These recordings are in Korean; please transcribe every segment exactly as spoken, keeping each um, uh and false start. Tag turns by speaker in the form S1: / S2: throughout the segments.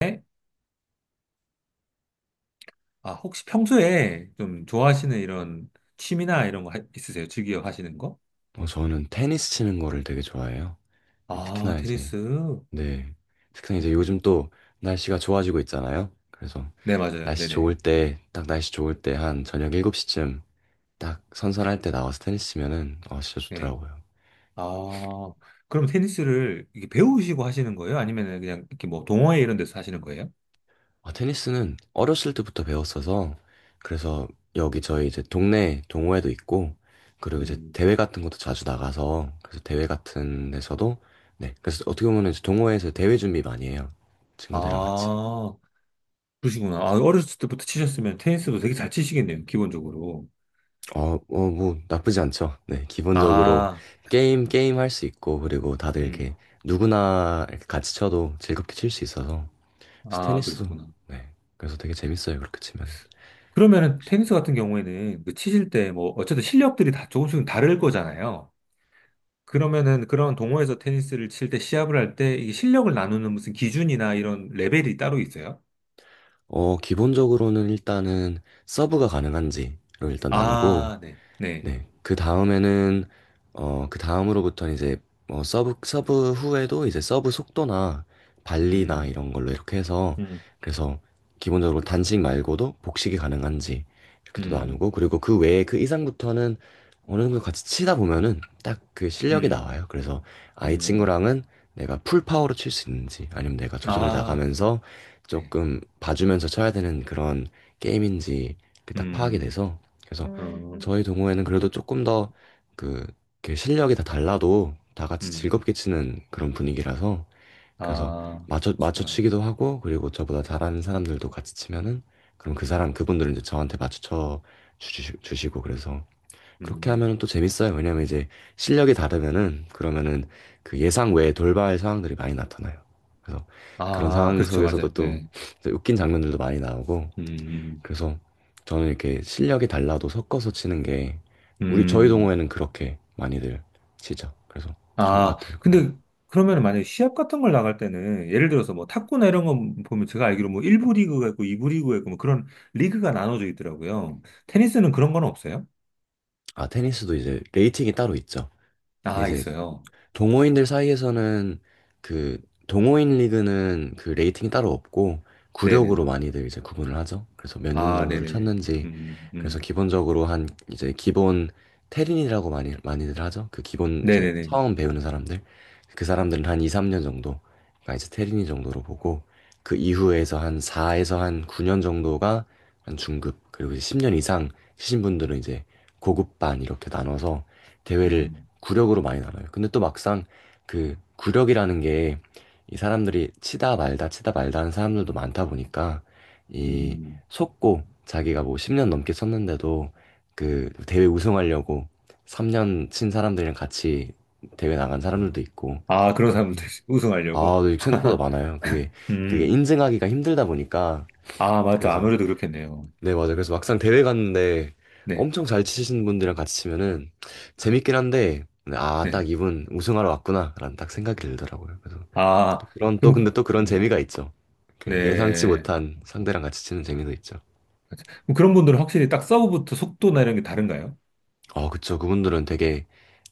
S1: 네? 아, 혹시 평소에 좀 좋아하시는 이런 취미나 이런 거 하- 있으세요? 즐겨 하시는 거?
S2: 어, 저는 테니스 치는 거를 되게 좋아해요.
S1: 아,
S2: 특히나 이제,
S1: 테니스.
S2: 네. 특히나 이제
S1: 음.
S2: 요즘 또 날씨가 좋아지고 있잖아요. 그래서
S1: 네, 맞아요.
S2: 날씨
S1: 네네.
S2: 좋을 때, 딱 날씨 좋을 때 한 저녁 일곱 시쯤 딱 선선할 때 나와서 테니스 치면은, 어, 진짜
S1: 네.
S2: 좋더라고요.
S1: 아, 그럼 테니스를 이렇게 배우시고 하시는 거예요? 아니면 그냥 이렇게 뭐 동호회 이런 데서 하시는 거예요?
S2: 아, 테니스는 어렸을 때부터 배웠어서, 그래서 여기 저희 이제 동네 동호회도 있고, 그리고 이제
S1: 음.
S2: 대회 같은 것도 자주 나가서, 그래서 대회 같은 데서도, 네. 그래서 어떻게 보면 이제 동호회에서 대회 준비 많이 해요. 친구들이랑 같이.
S1: 아, 그러시구나. 아, 어렸을 때부터 치셨으면 테니스도 되게 잘 치시겠네요, 기본적으로.
S2: 어, 어, 뭐, 나쁘지 않죠. 네, 기본적으로
S1: 아,
S2: 게임,
S1: 음.
S2: 게임 할 수 있고, 그리고 다들 이렇게
S1: 음.
S2: 누구나 이렇게 같이 쳐도 즐겁게 칠 수 있어서,
S1: 아,
S2: 스테니스도,
S1: 그러시구나.
S2: 네, 그래서 되게 재밌어요, 그렇게 치면은.
S1: 그러면은 테니스 같은 경우에는 그 치실 때 뭐 어쨌든 실력들이 다 조금씩 다를 거잖아요. 그러면은 그런 동호회에서 테니스를 칠 때 시합을 할 때 이 실력을 나누는 무슨 기준이나 이런 레벨이 따로 있어요?
S2: 어, 기본적으로는 일단은 서브가 가능한지를 일단 나누고,
S1: 아, 네. 네.
S2: 네. 그 다음에는 어, 그 다음으로부터는 이제 어, 서브 서브 후에도 이제 서브 속도나 발리나
S1: 음.
S2: 이런 걸로 이렇게 해서
S1: 음.
S2: 그래서 기본적으로 단식 말고도 복식이 가능한지 이렇게 또
S1: 음.
S2: 나누고 그리고 그 외에 그 이상부터는 어느 정도 같이 치다 보면은 딱 그 실력이
S1: 음.
S2: 나와요. 그래서 아, 이
S1: 음.
S2: 친구랑은 내가 풀 파워로 칠 수 있는지 아니면 내가 조절해
S1: 아,
S2: 나가면서
S1: 네.
S2: 조금 봐주면서 쳐야 되는 그런 게임인지 이렇게 딱 파악이
S1: 음.
S2: 돼서 그래서
S1: 음. 음,
S2: 저희 동호회는 그래도 조금 더 그, 이렇게 실력이 다 달라도 다 같이
S1: 음.
S2: 즐겁게 치는 그런 분위기라서 그래서
S1: 아,
S2: 맞춰,
S1: 그러시구나.
S2: 맞춰치기도 하고 그리고 저보다 잘하는 사람들도 같이 치면은 그럼 그 사람, 그분들은 이제 저한테 맞춰 주시, 주시고 그래서 그렇게
S1: 음.
S2: 하면은 또 재밌어요. 왜냐면 이제 실력이 다르면은 그러면은 그 예상 외에 돌발 상황들이 많이 나타나요. 그래서 그런
S1: 아,
S2: 상황
S1: 그렇죠.
S2: 속에서도
S1: 맞아요.
S2: 또
S1: 네.
S2: 웃긴 장면들도 많이 나오고
S1: 음.
S2: 그래서 저는 이렇게 실력이 달라도 섞어서 치는 게 우리 저희
S1: 음.
S2: 동호회는 그렇게 많이들 치죠. 그래서 좋은
S1: 아,
S2: 것 같아요. 그럼.
S1: 근데 그러면 만약에 시합 같은 걸 나갈 때는 예를 들어서 뭐 탁구나 이런 거 보면 제가 알기로 뭐 일 부 리그가 있고 이 부 리그가 있고 뭐 그런 리그가 나눠져 있더라고요. 테니스는 그런 건 없어요?
S2: 아 테니스도 이제 레이팅이 따로 있죠. 근데
S1: 아,
S2: 이제
S1: 있어요.
S2: 동호인들 사이에서는 그 동호인 리그는 그 레이팅이 따로 없고 구력으로
S1: 네네네.
S2: 많이들 이제 구분을 하죠. 그래서 몇 년
S1: 아,
S2: 정도를
S1: 네네네.
S2: 쳤는지
S1: 음,
S2: 그래서
S1: 음.
S2: 기본적으로 한 이제 기본 테린이라고 많이 많이들 하죠. 그 기본 이제
S1: 네네네.
S2: 처음 배우는 사람들 그 사람들은 한 이, 삼 년 정도가 이제 테린이 정도로 보고 그 이후에서 한 사에서 한 구 년 정도가 한 중급 그리고 이제 십 년 이상 치신 분들은 이제 고급반 이렇게 나눠서 대회를
S1: 음,
S2: 구력으로 많이 달아요. 근데 또 막상 그 구력이라는 게 이 사람들이 치다 말다 치다 말다 하는 사람들도 많다 보니까 이
S1: 음.
S2: 속고 자기가 뭐 십 년 넘게 쳤는데도 그 대회 우승하려고 삼 년 친 사람들이랑 같이 대회 나간 사람들도 있고
S1: 아, 그런 사람들
S2: 인증.
S1: 우승하려고?
S2: 아, 네, 생각보다 많아요. 그게 그게
S1: 음.
S2: 인증하기가 힘들다 보니까
S1: 아, 맞다.
S2: 그래서
S1: 아무래도 그렇겠네요.
S2: 네, 맞아요. 그래서 막상 대회 갔는데
S1: 네,
S2: 엄청 잘 치시는 분들이랑 같이 치면은 재밌긴 한데, 네, 아,
S1: 네.
S2: 딱 이분 우승하러 왔구나라는 딱 생각이 들더라고요. 그래서
S1: 아,
S2: 그런 또
S1: 그럼,
S2: 근데 또 그런
S1: 음,
S2: 재미가 있죠. 그 예상치
S1: 네.
S2: 못한 상대랑 같이 치는 재미도 있죠.
S1: 그럼 그런 분들은 확실히 딱 서브부터 속도나 이런 게 다른가요?
S2: 어, 그쵸. 그분들은 되게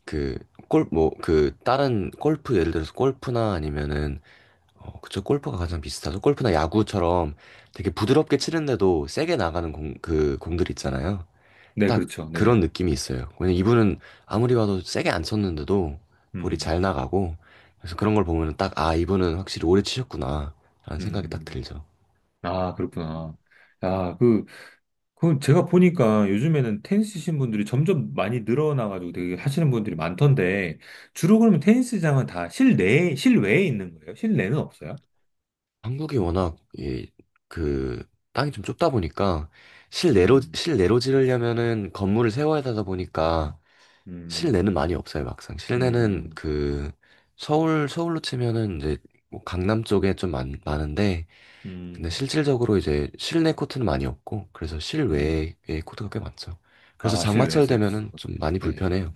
S2: 그 골, 뭐, 그 다른 골프 예를 들어서 골프나 아니면은 어, 그쵸. 골프가 가장 비슷하죠. 골프나 야구처럼 되게 부드럽게 치는데도 세게 나가는 공, 그 공들 있잖아요.
S1: 네,
S2: 딱
S1: 그렇죠.
S2: 그런
S1: 네네.
S2: 느낌이 있어요. 왜냐면 이분은 아무리 봐도 세게 안 쳤는데도 볼이
S1: 음,
S2: 잘 나가고 그래서 그런 걸 보면은 딱 아, 이분은 확실히 오래 치셨구나 라는 생각이 딱
S1: 음.
S2: 들죠.
S1: 아, 그렇구나. 야, 그, 그 제가 보니까 요즘에는 테니스 치신 분들이 점점 많이 늘어나가지고 되게 하시는 분들이 많던데, 주로 그러면 테니스장은 다 실내에, 실외에 있는 거예요? 실내는 없어요?
S2: 한국이 워낙 이, 그 땅이 좀 좁다 보니까 실내로
S1: 음,
S2: 실내로 지르려면은 건물을 세워야 되다 보니까 실내는
S1: 음,
S2: 많이 없어요, 막상. 실내는
S1: 음,
S2: 그 서울 서울로 치면은 이제 뭐 강남 쪽에 좀 많, 많은데 근데
S1: 음,
S2: 실질적으로 이제 실내 코트는 많이 없고 그래서
S1: 음.
S2: 실외에 코트가 꽤 많죠. 그래서
S1: 아,
S2: 장마철
S1: 실외에서 이렇게
S2: 되면은
S1: 치고.
S2: 좀 많이
S1: 네.
S2: 불편해요.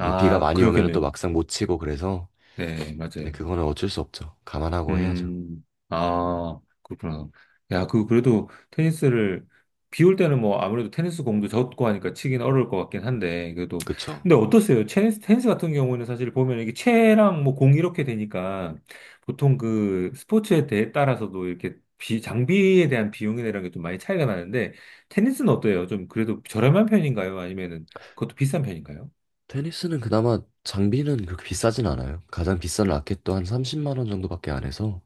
S2: 이게 비가 많이 오면은 또
S1: 그렇겠네요.
S2: 막상 못 치고 그래서
S1: 네,
S2: 근데
S1: 맞아요.
S2: 그거는 어쩔 수 없죠. 감안하고 해야죠.
S1: 음, 아, 그렇구나. 야, 그, 그래도 테니스를, 비올 때는 뭐 아무래도 테니스 공도 젖고 하니까 치긴 어려울 것 같긴 한데, 그래도.
S2: 그쵸?
S1: 근데 어떠세요? 테니스, 테니스 같은 경우는 사실 보면 이게 채랑 뭐 공 이렇게 되니까 보통 그 스포츠에 대해 따라서도 이렇게 비, 장비에 대한 비용이나 이런 게 좀 많이 차이가 나는데, 테니스는 어때요? 좀 그래도 저렴한 편인가요? 아니면은 그것도 비싼 편인가요?
S2: 테니스는 그나마 장비는 그렇게 비싸진 않아요. 가장 비싼 라켓도 한 삼십만 원 정도밖에 안 해서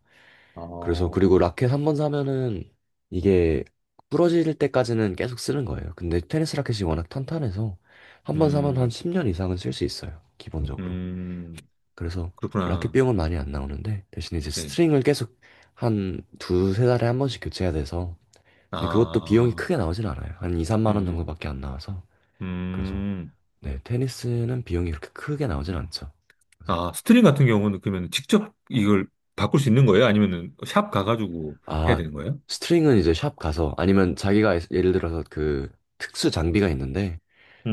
S2: 그래서 그리고
S1: 어,
S2: 라켓 한 번 사면은 이게 부러질 때까지는 계속 쓰는 거예요. 근데 테니스 라켓이 워낙 탄탄해서 한 번 사면 한
S1: 음,
S2: 십 년 이상은 쓸 수 있어요. 기본적으로.
S1: 음,
S2: 그래서 라켓
S1: 그렇구나.
S2: 비용은 많이 안 나오는데 대신 이제
S1: 네.
S2: 스트링을 계속 한 두세 달에 한 번씩 교체해야 돼서 근데 그것도 비용이
S1: 아.
S2: 크게 나오진 않아요. 한 이, 삼만 원
S1: 음,
S2: 정도밖에 안 나와서 그래서
S1: 음.
S2: 네, 테니스는 비용이 그렇게 크게 나오진 않죠. 그래서
S1: 아, 스트링 같은 경우는 그러면 직접 이걸 바꿀 수 있는 거예요? 아니면은 샵 가가지고 해야
S2: 아,
S1: 되는 거예요?
S2: 스트링은 이제 샵 가서 아니면 자기가 예, 예를 들어서 그 특수 장비가 있는데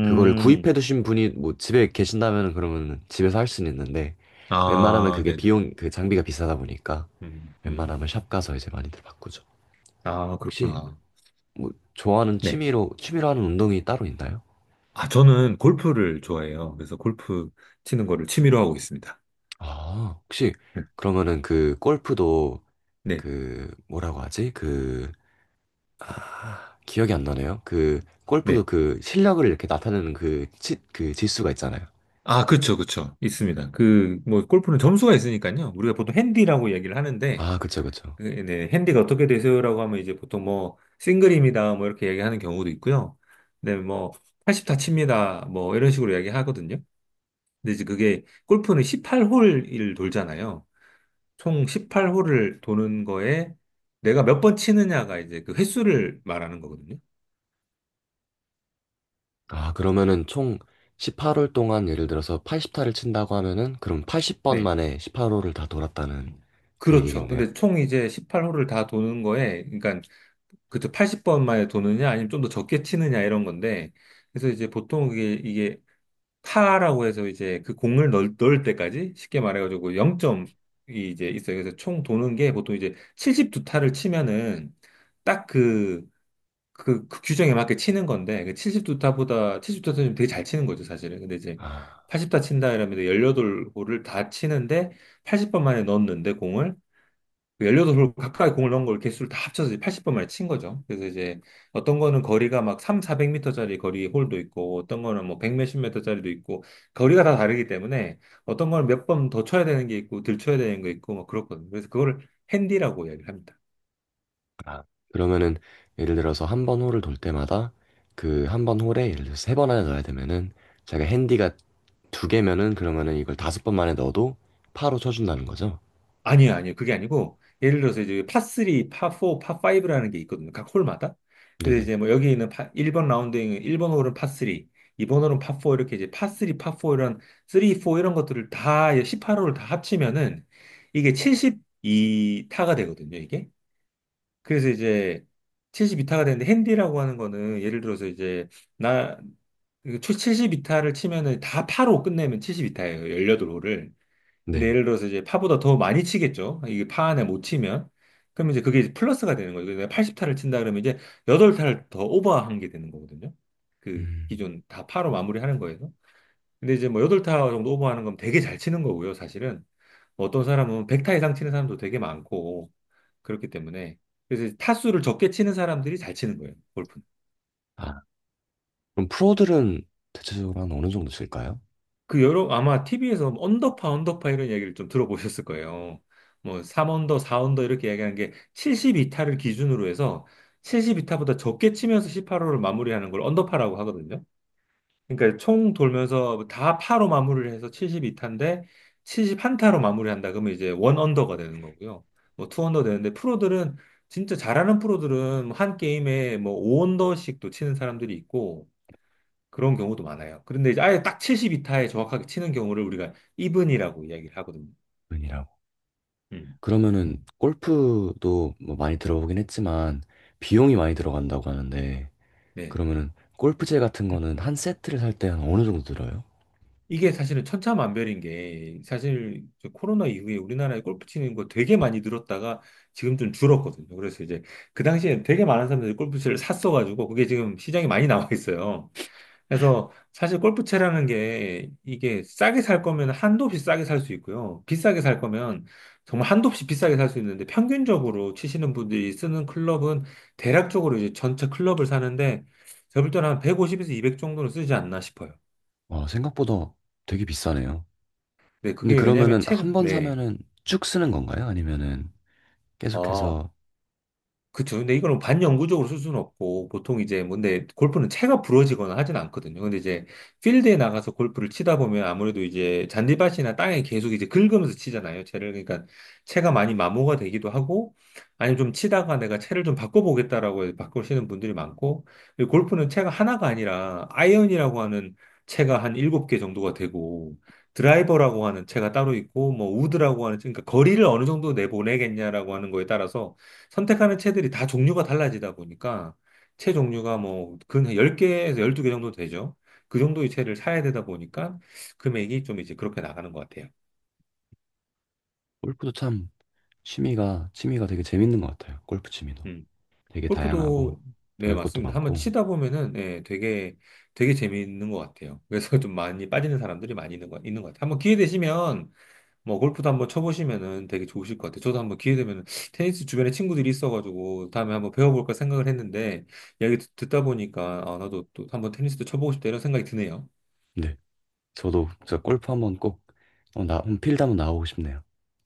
S2: 그거를 구입해 두신 분이 뭐 집에 계신다면 그러면 집에서 할 수는 있는데 웬만하면
S1: 아,
S2: 그게
S1: 네네.
S2: 비용 그 장비가 비싸다 보니까
S1: 음,
S2: 웬만하면
S1: 음.
S2: 샵 가서 이제 많이들 바꾸죠.
S1: 아,
S2: 혹시
S1: 그렇구나.
S2: 뭐 좋아하는
S1: 네.
S2: 취미로 취미로 하는 운동이 따로 있나요?
S1: 아, 저는 골프를 좋아해요. 그래서 골프 치는 거를 취미로 하고 있습니다.
S2: 아, 혹시 그러면은 그 골프도
S1: 네,
S2: 그 뭐라고 하지? 그 아, 기억이 안 나네요. 그 골프도
S1: 네.
S2: 그 실력을 이렇게 나타내는 그, 지, 그 지수가 있잖아요.
S1: 아, 그쵸, 그쵸. 있습니다. 그, 뭐, 골프는 점수가 있으니까요. 우리가 보통 핸디라고 얘기를 하는데,
S2: 아, 그쵸, 그쵸.
S1: 그, 네, 핸디가 어떻게 되세요라고 하면 이제 보통 뭐 싱글입니다 뭐 이렇게 얘기하는 경우도 있고요. 네, 뭐팔십다 칩니다 뭐 이런 식으로 이야기하거든요. 근데 이제 그게 골프는 십팔 홀을 돌잖아요. 총 십팔 홀을 도는 거에 내가 몇 번 치느냐가 이제 그 횟수를 말하는 거거든요.
S2: 아, 그러면은 총 십팔 홀 동안 예를 들어서 팔십 타를 친다고 하면은 그럼 팔십 번
S1: 네.
S2: 만에 십팔 홀을 다 돌았다는 그
S1: 그렇죠.
S2: 얘기겠네요.
S1: 근데 총 이제 십팔 홀을 다 도는 거에, 그러니까 그저 팔십 번 만에 도느냐, 아니면 좀 더 적게 치느냐 이런 건데, 그래서 이제 보통 이게 타라고 해서 이제 그 공을 넣을, 넣을 때까지 쉽게 말해가지고 영 점이 이제 있어요. 그래서 총 도는 게 보통 이제 칠십이 타를 치면은 딱 그, 그, 그 규정에 맞게 치는 건데 그 칠십이 타보다 칠십이 타는 되게 잘 치는 거죠, 사실은. 근데 이제
S2: 아,
S1: 팔십 타 친다 이러면 십팔 홀을 다 치는데 팔십 번 만에 넣었는데 공을 료팔 홀 가까이 공을 넣은 걸 개수를 다 합쳐서 팔십 번 만에 친 거죠. 그래서 이제 어떤 거는 거리가 막 삼, 사백 미터짜리 거리 홀도 있고 어떤 거는 뭐 백 몇십 m짜리도 있고 거리가 다 다르기 때문에 어떤 거는 몇 번 더 쳐야 되는 게 있고 덜 쳐야 되는 게 있고 막 그렇거든요. 그래서 그거를 핸디라고 이야기를 합니다.
S2: 아. 그러면은 예를 들어서 한 번 홀을 돌 때마다 그 한 번 홀에 예를 들어서 세 번 안에 넣어야 되면은 제가 핸디가 두 개면은 그러면은 이걸 다섯 번 만에 넣어도 파로 쳐준다는 거죠?
S1: 아니요, 아니요. 그게 아니고, 예를 들어서 이제 파삼, 파사, 파오라는 게 있거든요. 각 홀마다. 근데
S2: 네네.
S1: 이제 뭐 여기 있는 파, 일 번 라운드에는 일 번 홀은 파삼, 이 번 홀은 파사 이렇게 이제 파삼, 파사 이런, 삼, 사 이런 것들을 다, 십팔 홀을 다 합치면은 이게 칠십이 타가 되거든요, 이게. 그래서 이제 칠십이 타가 되는데 핸디라고 하는 거는 예를 들어서 이제 나, 칠십이 타를 치면은 다 파로 끝내면 칠십이 타예요, 십팔 홀을. 근데
S2: 네.
S1: 예를 들어서 이제 파보다 더 많이 치겠죠. 이게 파 안에 못 치면. 그러면 이제 그게 이제 플러스가 되는 거죠. 내가 팔십 타를 친다 그러면 이제 팔 타를 더 오버한 게 되는 거거든요. 그
S2: 음.
S1: 기존 다 파로 마무리하는 거에서. 근데 이제 뭐 팔 타 정도 오버하는 건 되게 잘 치는 거고요, 사실은. 뭐 어떤 사람은 백 타 이상 치는 사람도 되게 많고, 그렇기 때문에. 그래서 타수를 적게 치는 사람들이 잘 치는 거예요, 골프.
S2: 아. 그럼 프로들은 대체적으로 한 어느 정도 칠까요?
S1: 그 여러 아마 티비에서 언더파 언더파 이런 이야기를 좀 들어보셨을 거예요. 뭐 삼 언더, 사 언더 이렇게 이야기하는 게 칠십이 타를 기준으로 해서 칠십이 타보다 적게 치면서 십팔 호를 마무리하는 걸 언더파라고 하거든요. 그러니까 총 돌면서 다 파로 마무리를 해서 칠십이 타인데 칠십일 타로 마무리한다 그러면 이제 원 언더가 되는 거고요. 뭐 투 언더 되는데 프로들은 진짜 잘하는 프로들은 한 게임에 뭐 오 언더씩도 치는 사람들이 있고 그런 경우도 많아요. 그런데 이제 아예 딱 칠십이 타에 정확하게 치는 경우를 우리가 이븐이라고 이야기를 하거든요.
S2: 은이라고.
S1: 음,
S2: 그러면은 골프도 뭐 많이 들어보긴 했지만 비용이 많이 들어간다고 하는데
S1: 네.
S2: 그러면은 골프채 같은 거는 한 세트를 살 때 한 어느 정도 들어요?
S1: 이게 사실은 천차만별인 게 사실 이제 코로나 이후에 우리나라에 골프 치는 거 되게 많이 늘었다가 지금 좀 줄었거든요. 그래서 이제 그 당시에 되게 많은 사람들이 골프채를 샀어가지고 그게 지금 시장에 많이 나와 있어요. 그래서 사실 골프채라는 게 이게 싸게 살 거면 한도 없이 싸게 살 수 있고요. 비싸게 살 거면 정말 한도 없이 비싸게 살 수 있는데 평균적으로 치시는 분들이 쓰는 클럽은 대략적으로 이제 전체 클럽을 사는데 제가 볼 때는 한 백오십에서 이백 정도는 쓰지 않나 싶어요.
S2: 아, 생각보다 되게 비싸네요.
S1: 네,
S2: 근데
S1: 그게 왜냐면
S2: 그러면은
S1: 채,
S2: 한 번
S1: 네.
S2: 사면은 쭉 쓰는 건가요? 아니면은
S1: 어,
S2: 계속해서
S1: 그쵸. 근데 이거는 반영구적으로 쓸 수는 없고, 보통 이제, 뭐, 근데 골프는 채가 부러지거나 하진 않거든요. 근데 이제, 필드에 나가서 골프를 치다 보면 아무래도 이제, 잔디밭이나 땅에 계속 이제 긁으면서 치잖아요. 채를. 그러니까, 채가 많이 마모가 되기도 하고, 아니면 좀 치다가 내가 채를 좀 바꿔보겠다라고 해서 바꾸시는 분들이 많고, 그리고 골프는 채가 하나가 아니라, 아이언이라고 하는 채가 한 일곱 개 정도가 되고, 드라이버라고 하는 채가 따로 있고, 뭐, 우드라고 하는, 채, 그러니까 거리를 어느 정도 내보내겠냐라고 하는 거에 따라서, 선택하는 채들이 다 종류가 달라지다 보니까 채 종류가 뭐 근한 열 개에서 열두 개 정도 되죠. 그 정도의 채를 사야 되다 보니까 금액이 좀 이제 그렇게 나가는 것 같아요.
S2: 골프도 참 취미가 취미가 되게 재밌는 것 같아요. 골프 취미도
S1: 음.
S2: 되게 다양하고
S1: 골프도 네,
S2: 배울 것도
S1: 맞습니다. 한번
S2: 많고.
S1: 치다 보면은 예, 되게 되게 재미있는 것 같아요. 그래서 좀 많이 빠지는 사람들이 많이 있는 것, 있는 것 같아요. 한번 기회 되시면 뭐 골프도 한번 쳐보시면은 되게 좋으실 것 같아요. 저도 한번 기회 되면 테니스 주변에 친구들이 있어가지고 다음에 한번 배워볼까 생각을 했는데 이야기 듣- 듣다 보니까 아 나도 또 한번 테니스도 쳐보고 싶다 이런 생각이 드네요.
S2: 네. 저도 진짜
S1: 음.
S2: 골프 한번 꼭, 어, 나, 필드 한번 나오고 싶네요.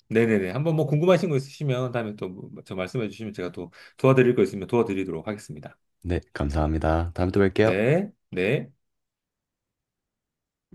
S1: 네네네. 한번 뭐 궁금하신 거 있으시면 다음에 또 뭐, 저 말씀해 주시면 제가 또 도와드릴 거 있으면 도와드리도록 하겠습니다.
S2: 네, 감사합니다. 다음에 또 뵐게요.
S1: 네, 네.